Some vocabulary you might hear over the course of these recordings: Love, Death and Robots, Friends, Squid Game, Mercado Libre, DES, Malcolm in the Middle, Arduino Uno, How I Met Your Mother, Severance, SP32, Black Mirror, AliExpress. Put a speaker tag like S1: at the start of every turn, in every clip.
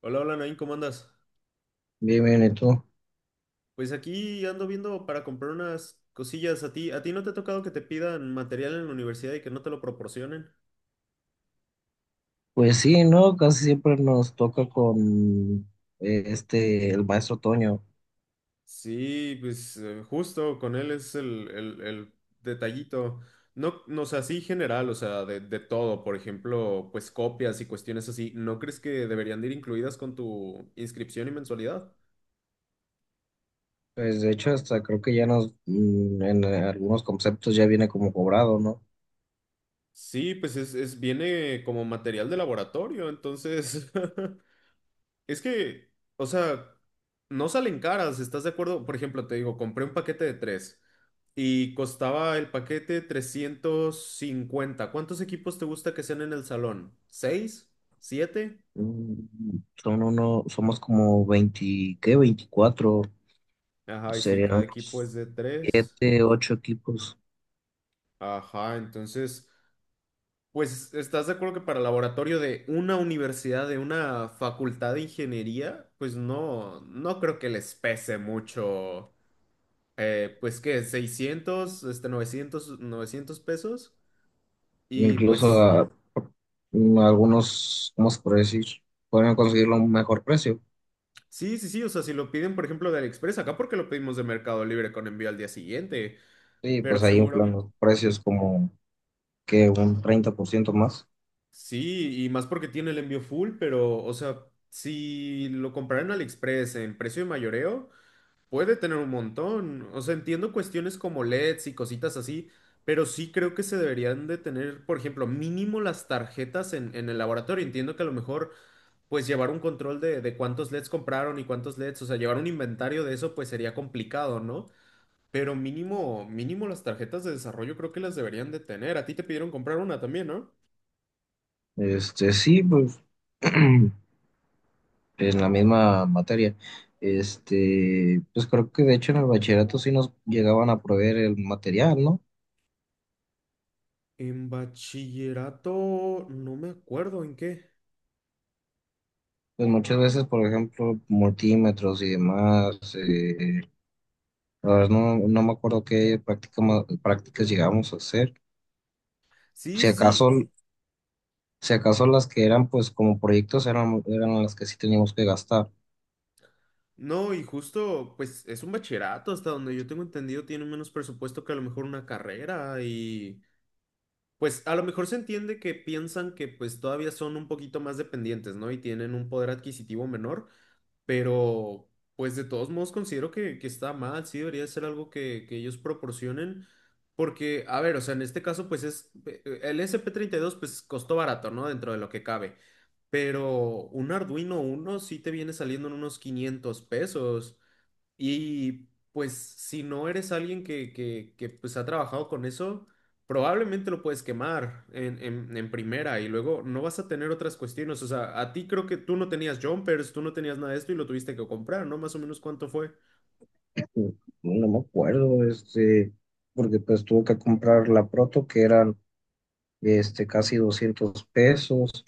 S1: Hola, hola, Nain, ¿cómo andas?
S2: Bien, bien, ¿y tú?
S1: Pues aquí ando viendo para comprar unas cosillas. A ti no te ha tocado que te pidan material en la universidad y que no te lo proporcionen?
S2: Pues sí, ¿no? Casi siempre nos toca con el maestro Toño.
S1: Sí, pues justo con él es el detallito. No, no, o sea, sí general, o sea, de todo, por ejemplo, pues copias y cuestiones así. ¿No crees que deberían de ir incluidas con tu inscripción y mensualidad?
S2: Pues de hecho, hasta creo que ya nos, mm, en algunos conceptos ya viene como cobrado, ¿no?
S1: Sí, pues viene como material de laboratorio, entonces Es que, o sea, no salen caras, ¿estás de acuerdo? Por ejemplo, te digo, compré un paquete de tres y costaba el paquete 350. ¿Cuántos equipos te gusta que sean en el salón? ¿Seis? ¿Siete?
S2: Son somos como 20, ¿qué? 24.
S1: Ajá, y si
S2: Serían
S1: cada equipo es
S2: unos
S1: de tres.
S2: 7, 8 equipos.
S1: Ajá, entonces, pues, ¿estás de acuerdo que para laboratorio de una universidad, de una facultad de ingeniería, pues no, no creo que les pese mucho pues que 600, 900, 900 pesos. Y
S2: Incluso
S1: pues
S2: a- Algunos, ¿cómo se puede decir? Pueden conseguirlo a un mejor precio.
S1: sí, sí, sí, o sea, si lo piden, por ejemplo, de AliExpress, acá porque lo pedimos de Mercado Libre con envío al día siguiente,
S2: Sí,
S1: pero
S2: pues ahí inflan
S1: seguro,
S2: los precios como que un 30 por ciento más.
S1: sí, y más porque tiene el envío full, pero, o sea, si lo compraran en AliExpress en precio de mayoreo. Puede tener un montón. O sea, entiendo cuestiones como LEDs y cositas así, pero sí creo que se deberían de tener, por ejemplo, mínimo las tarjetas en el laboratorio. Entiendo que a lo mejor, pues llevar un control de cuántos LEDs compraron y cuántos LEDs, o sea, llevar un inventario de eso, pues sería complicado, ¿no? Pero mínimo, mínimo las tarjetas de desarrollo creo que las deberían de tener. A ti te pidieron comprar una también, ¿no?
S2: Sí, pues en la misma materia. Pues creo que de hecho en el bachillerato sí nos llegaban a proveer el material, ¿no?
S1: En bachillerato, no me acuerdo en qué.
S2: Pues muchas veces, por ejemplo, multímetros y demás, la verdad no, no me acuerdo qué práctica, prácticas llegábamos a hacer.
S1: Sí,
S2: Si
S1: sí,
S2: acaso,
S1: sí.
S2: si acaso las que eran pues como proyectos eran, eran las que sí teníamos que gastar.
S1: No, y justo, pues es un bachillerato, hasta donde yo tengo entendido, tiene menos presupuesto que a lo mejor una carrera y pues a lo mejor se entiende que piensan que pues todavía son un poquito más dependientes, ¿no? Y tienen un poder adquisitivo menor, pero pues de todos modos considero que está mal, sí debería ser algo que ellos proporcionen, porque, a ver, o sea, en este caso pues es, el SP32 pues costó barato, ¿no? Dentro de lo que cabe, pero un Arduino Uno sí te viene saliendo en unos 500 pesos. Y pues si no eres alguien que pues ha trabajado con eso, probablemente lo puedes quemar en primera y luego no vas a tener otras cuestiones. O sea, a ti creo que tú no tenías jumpers, tú no tenías nada de esto y lo tuviste que comprar, ¿no? Más o menos cuánto fue.
S2: No, no me acuerdo, porque pues tuve que comprar la proto que eran casi 200 pesos.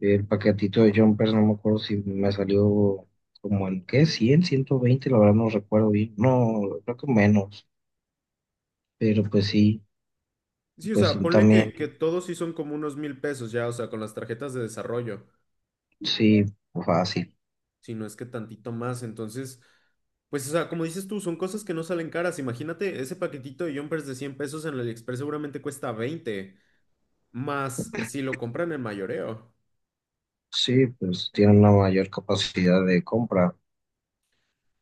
S2: El paquetito de Jumpers, no me acuerdo si me salió como en qué, ciento veinte, la verdad no recuerdo bien. No, creo que menos, pero
S1: Sí, o
S2: pues
S1: sea,
S2: sí,
S1: ponle
S2: también,
S1: que todos sí son como unos mil pesos ya, o sea, con las tarjetas de desarrollo,
S2: sí, fácil.
S1: si no es que tantito más. Entonces, pues, o sea, como dices tú, son cosas que no salen caras. Imagínate, ese paquetito de jumpers de 100 pesos en el AliExpress seguramente cuesta veinte. Más si lo compran en mayoreo.
S2: Sí, pues tiene una mayor capacidad de compra.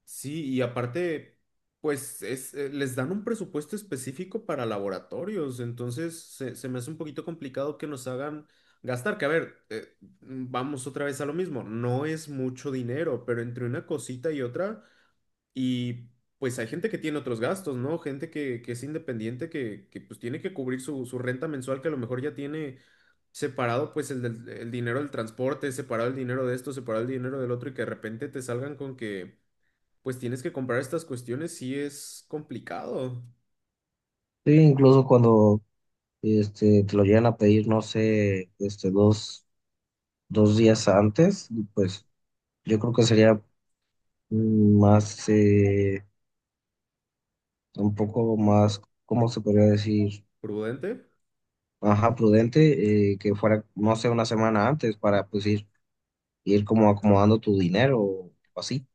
S1: Sí, y aparte, pues es, les dan un presupuesto específico para laboratorios, entonces se me hace un poquito complicado que nos hagan gastar, que a ver, vamos otra vez a lo mismo, no es mucho dinero, pero entre una cosita y otra, y pues hay gente que tiene otros gastos, ¿no? Gente que es independiente, que pues tiene que cubrir su renta mensual, que a lo mejor ya tiene separado pues el dinero del transporte, separado el dinero de esto, separado el dinero del otro y que de repente te salgan con que pues tienes que comprar estas cuestiones, sí es complicado.
S2: Sí, incluso cuando te lo llegan a pedir, no sé, dos días antes, pues yo creo que sería mm, más... eh, un poco más, ¿cómo se podría decir?
S1: ¿Prudente?
S2: Ajá, prudente, que fuera, no sé, una semana antes para pues ir como acomodando tu dinero o así.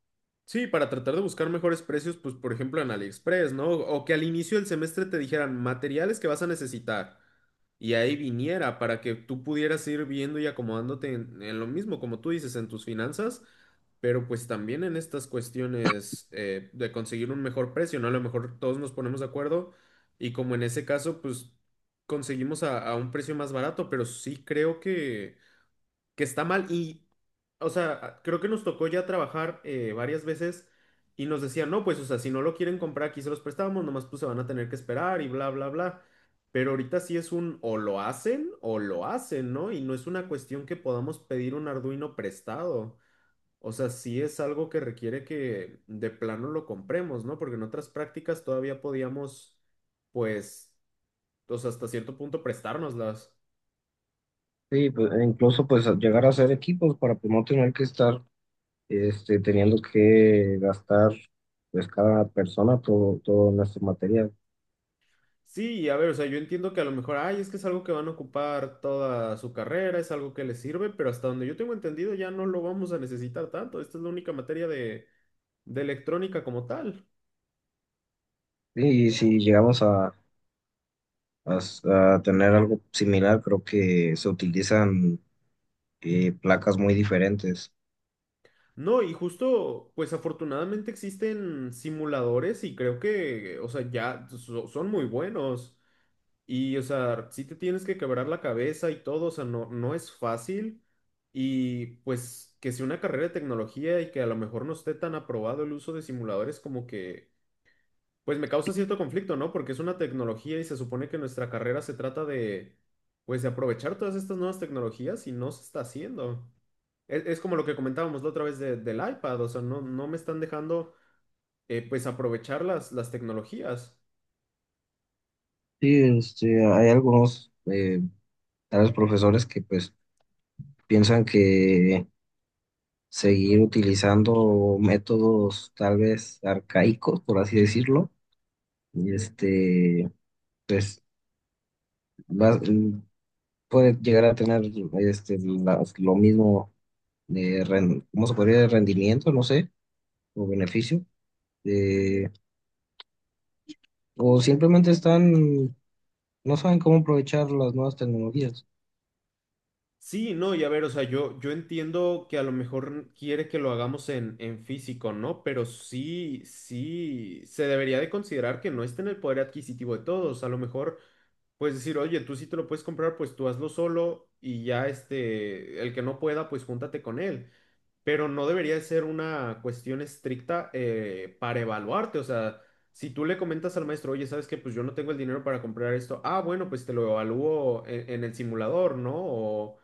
S1: Sí, para tratar de buscar mejores precios, pues por ejemplo en AliExpress, ¿no? O que al inicio del semestre te dijeran materiales que vas a necesitar y ahí viniera para que tú pudieras ir viendo y acomodándote en lo mismo, como tú dices, en tus finanzas, pero pues también en estas cuestiones de conseguir un mejor precio, ¿no? A lo mejor todos nos ponemos de acuerdo y como en ese caso, pues conseguimos a un precio más barato, pero sí creo que está mal y o sea, creo que nos tocó ya trabajar varias veces y nos decían, no, pues, o sea, si no lo quieren comprar, aquí se los prestamos, nomás pues se van a tener que esperar y bla, bla, bla. Pero ahorita sí es un o lo hacen, ¿no? Y no es una cuestión que podamos pedir un Arduino prestado. O sea, sí es algo que requiere que de plano lo compremos, ¿no? Porque en otras prácticas todavía podíamos, pues, o sea, hasta cierto punto prestárnoslas.
S2: Sí, pues, e incluso pues llegar a hacer equipos para pues, no tener que estar teniendo que gastar pues cada persona todo, todo nuestro material.
S1: Sí, y a ver, o sea, yo entiendo que a lo mejor, ay, es que es algo que van a ocupar toda su carrera, es algo que les sirve, pero hasta donde yo tengo entendido ya no lo vamos a necesitar tanto. Esta es la única materia de electrónica como tal.
S2: Sí, y si llegamos a, a tener algo similar, creo que se utilizan placas muy diferentes.
S1: No, y justo, pues afortunadamente existen simuladores y creo que, o sea, son muy buenos. Y, o sea, sí te tienes que quebrar la cabeza y todo, o sea, no, no es fácil. Y pues que sea una carrera de tecnología y que a lo mejor no esté tan aprobado el uso de simuladores como que pues me causa cierto conflicto, ¿no? Porque es una tecnología y se supone que nuestra carrera se trata de, pues, de aprovechar todas estas nuevas tecnologías y no se está haciendo. Es como lo que comentábamos la otra vez del iPad, o sea, no, no me están dejando, pues, aprovechar las tecnologías.
S2: Sí, hay algunos a los profesores que pues piensan que seguir utilizando métodos tal vez arcaicos, por así decirlo, y pues va- puede llegar a tener lo mismo de, ¿cómo se podría decir? Rendimiento, no sé, o beneficio, eh, o simplemente están, no saben cómo aprovechar las nuevas tecnologías,
S1: Sí, no, y a ver, o sea, yo entiendo que a lo mejor quiere que lo hagamos en físico, ¿no? Pero sí, sí, se debería de considerar que no está en el poder adquisitivo de todos. A lo mejor pues decir, oye, tú sí te lo puedes comprar, pues tú hazlo solo y ya este, el que no pueda, pues júntate con él. Pero no debería de ser una cuestión estricta para evaluarte. O sea, si tú le comentas al maestro, oye, ¿sabes qué? Pues yo no tengo el dinero para comprar esto. Ah, bueno, pues te lo evalúo en el simulador, ¿no?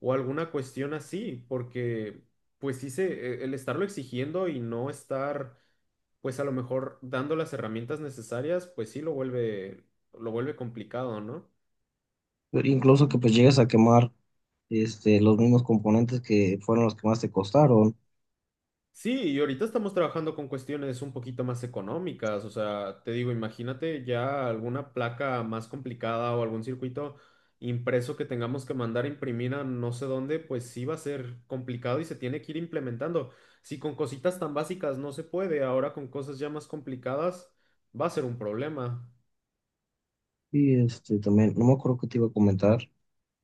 S1: O alguna cuestión así, porque pues sí se, el estarlo exigiendo y no estar, pues a lo mejor dando las herramientas necesarias, pues sí lo vuelve complicado, ¿no?
S2: incluso que pues llegues a quemar los mismos componentes que fueron los que más te costaron.
S1: Sí, y ahorita estamos trabajando con cuestiones un poquito más económicas, o sea, te digo, imagínate ya alguna placa más complicada o algún circuito impreso que tengamos que mandar a imprimir a no sé dónde, pues sí va a ser complicado y se tiene que ir implementando. Si con cositas tan básicas no se puede, ahora con cosas ya más complicadas va a ser un problema.
S2: Y este también, no me acuerdo qué te iba a comentar,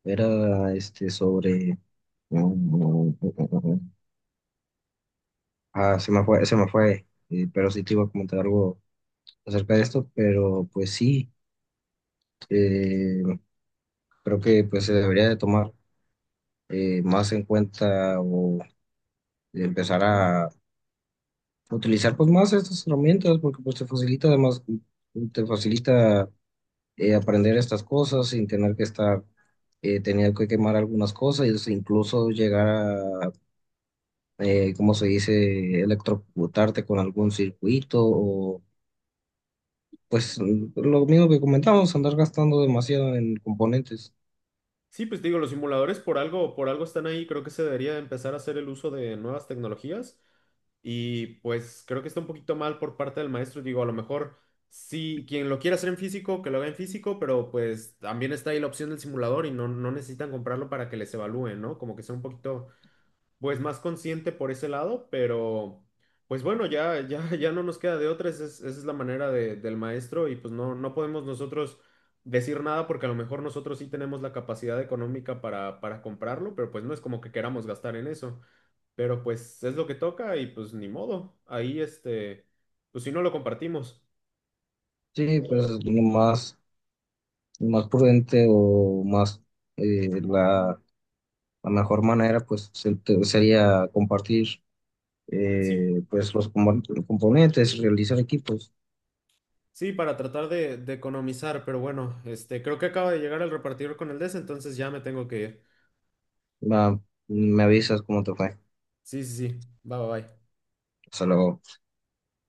S2: era sobre mm, ah, se me fue, pero sí te iba a comentar algo acerca de esto, pero pues sí, eh, creo que pues se debería de tomar más en cuenta o empezar a utilizar pues más estas herramientas, porque pues te facilita además, te facilita aprender estas cosas sin tener que estar teniendo que quemar algunas cosas, e incluso llegar a ¿cómo se dice? Electrocutarte con algún circuito o pues lo mismo que comentamos, andar gastando demasiado en componentes.
S1: Sí, pues te digo, los simuladores por algo están ahí, creo que se debería empezar a hacer el uso de nuevas tecnologías. Y pues creo que está un poquito mal por parte del maestro. Digo, a lo mejor sí, quien lo quiera hacer en físico, que lo haga en físico, pero pues también está ahí la opción del simulador y no, no necesitan comprarlo para que les evalúen, ¿no? Como que sea un poquito, pues más consciente por ese lado, pero pues bueno, ya, ya, ya no nos queda de otra. Esa es la manera del maestro y pues no, no podemos nosotros decir nada porque a lo mejor nosotros sí tenemos la capacidad económica para comprarlo, pero pues no es como que queramos gastar en eso. Pero pues es lo que toca y pues ni modo. Ahí este, pues si no lo compartimos.
S2: Sí, pues lo más prudente o más la, la mejor manera pues sería compartir
S1: Sí,
S2: pues los componentes, realizar equipos.
S1: sí, para tratar de economizar, pero bueno, este, creo que acaba de llegar el repartidor con el DES, entonces ya me tengo que ir.
S2: Va, me avisas cómo te fue.
S1: Sí, sí, sí. Bye, bye, bye.
S2: Hasta luego.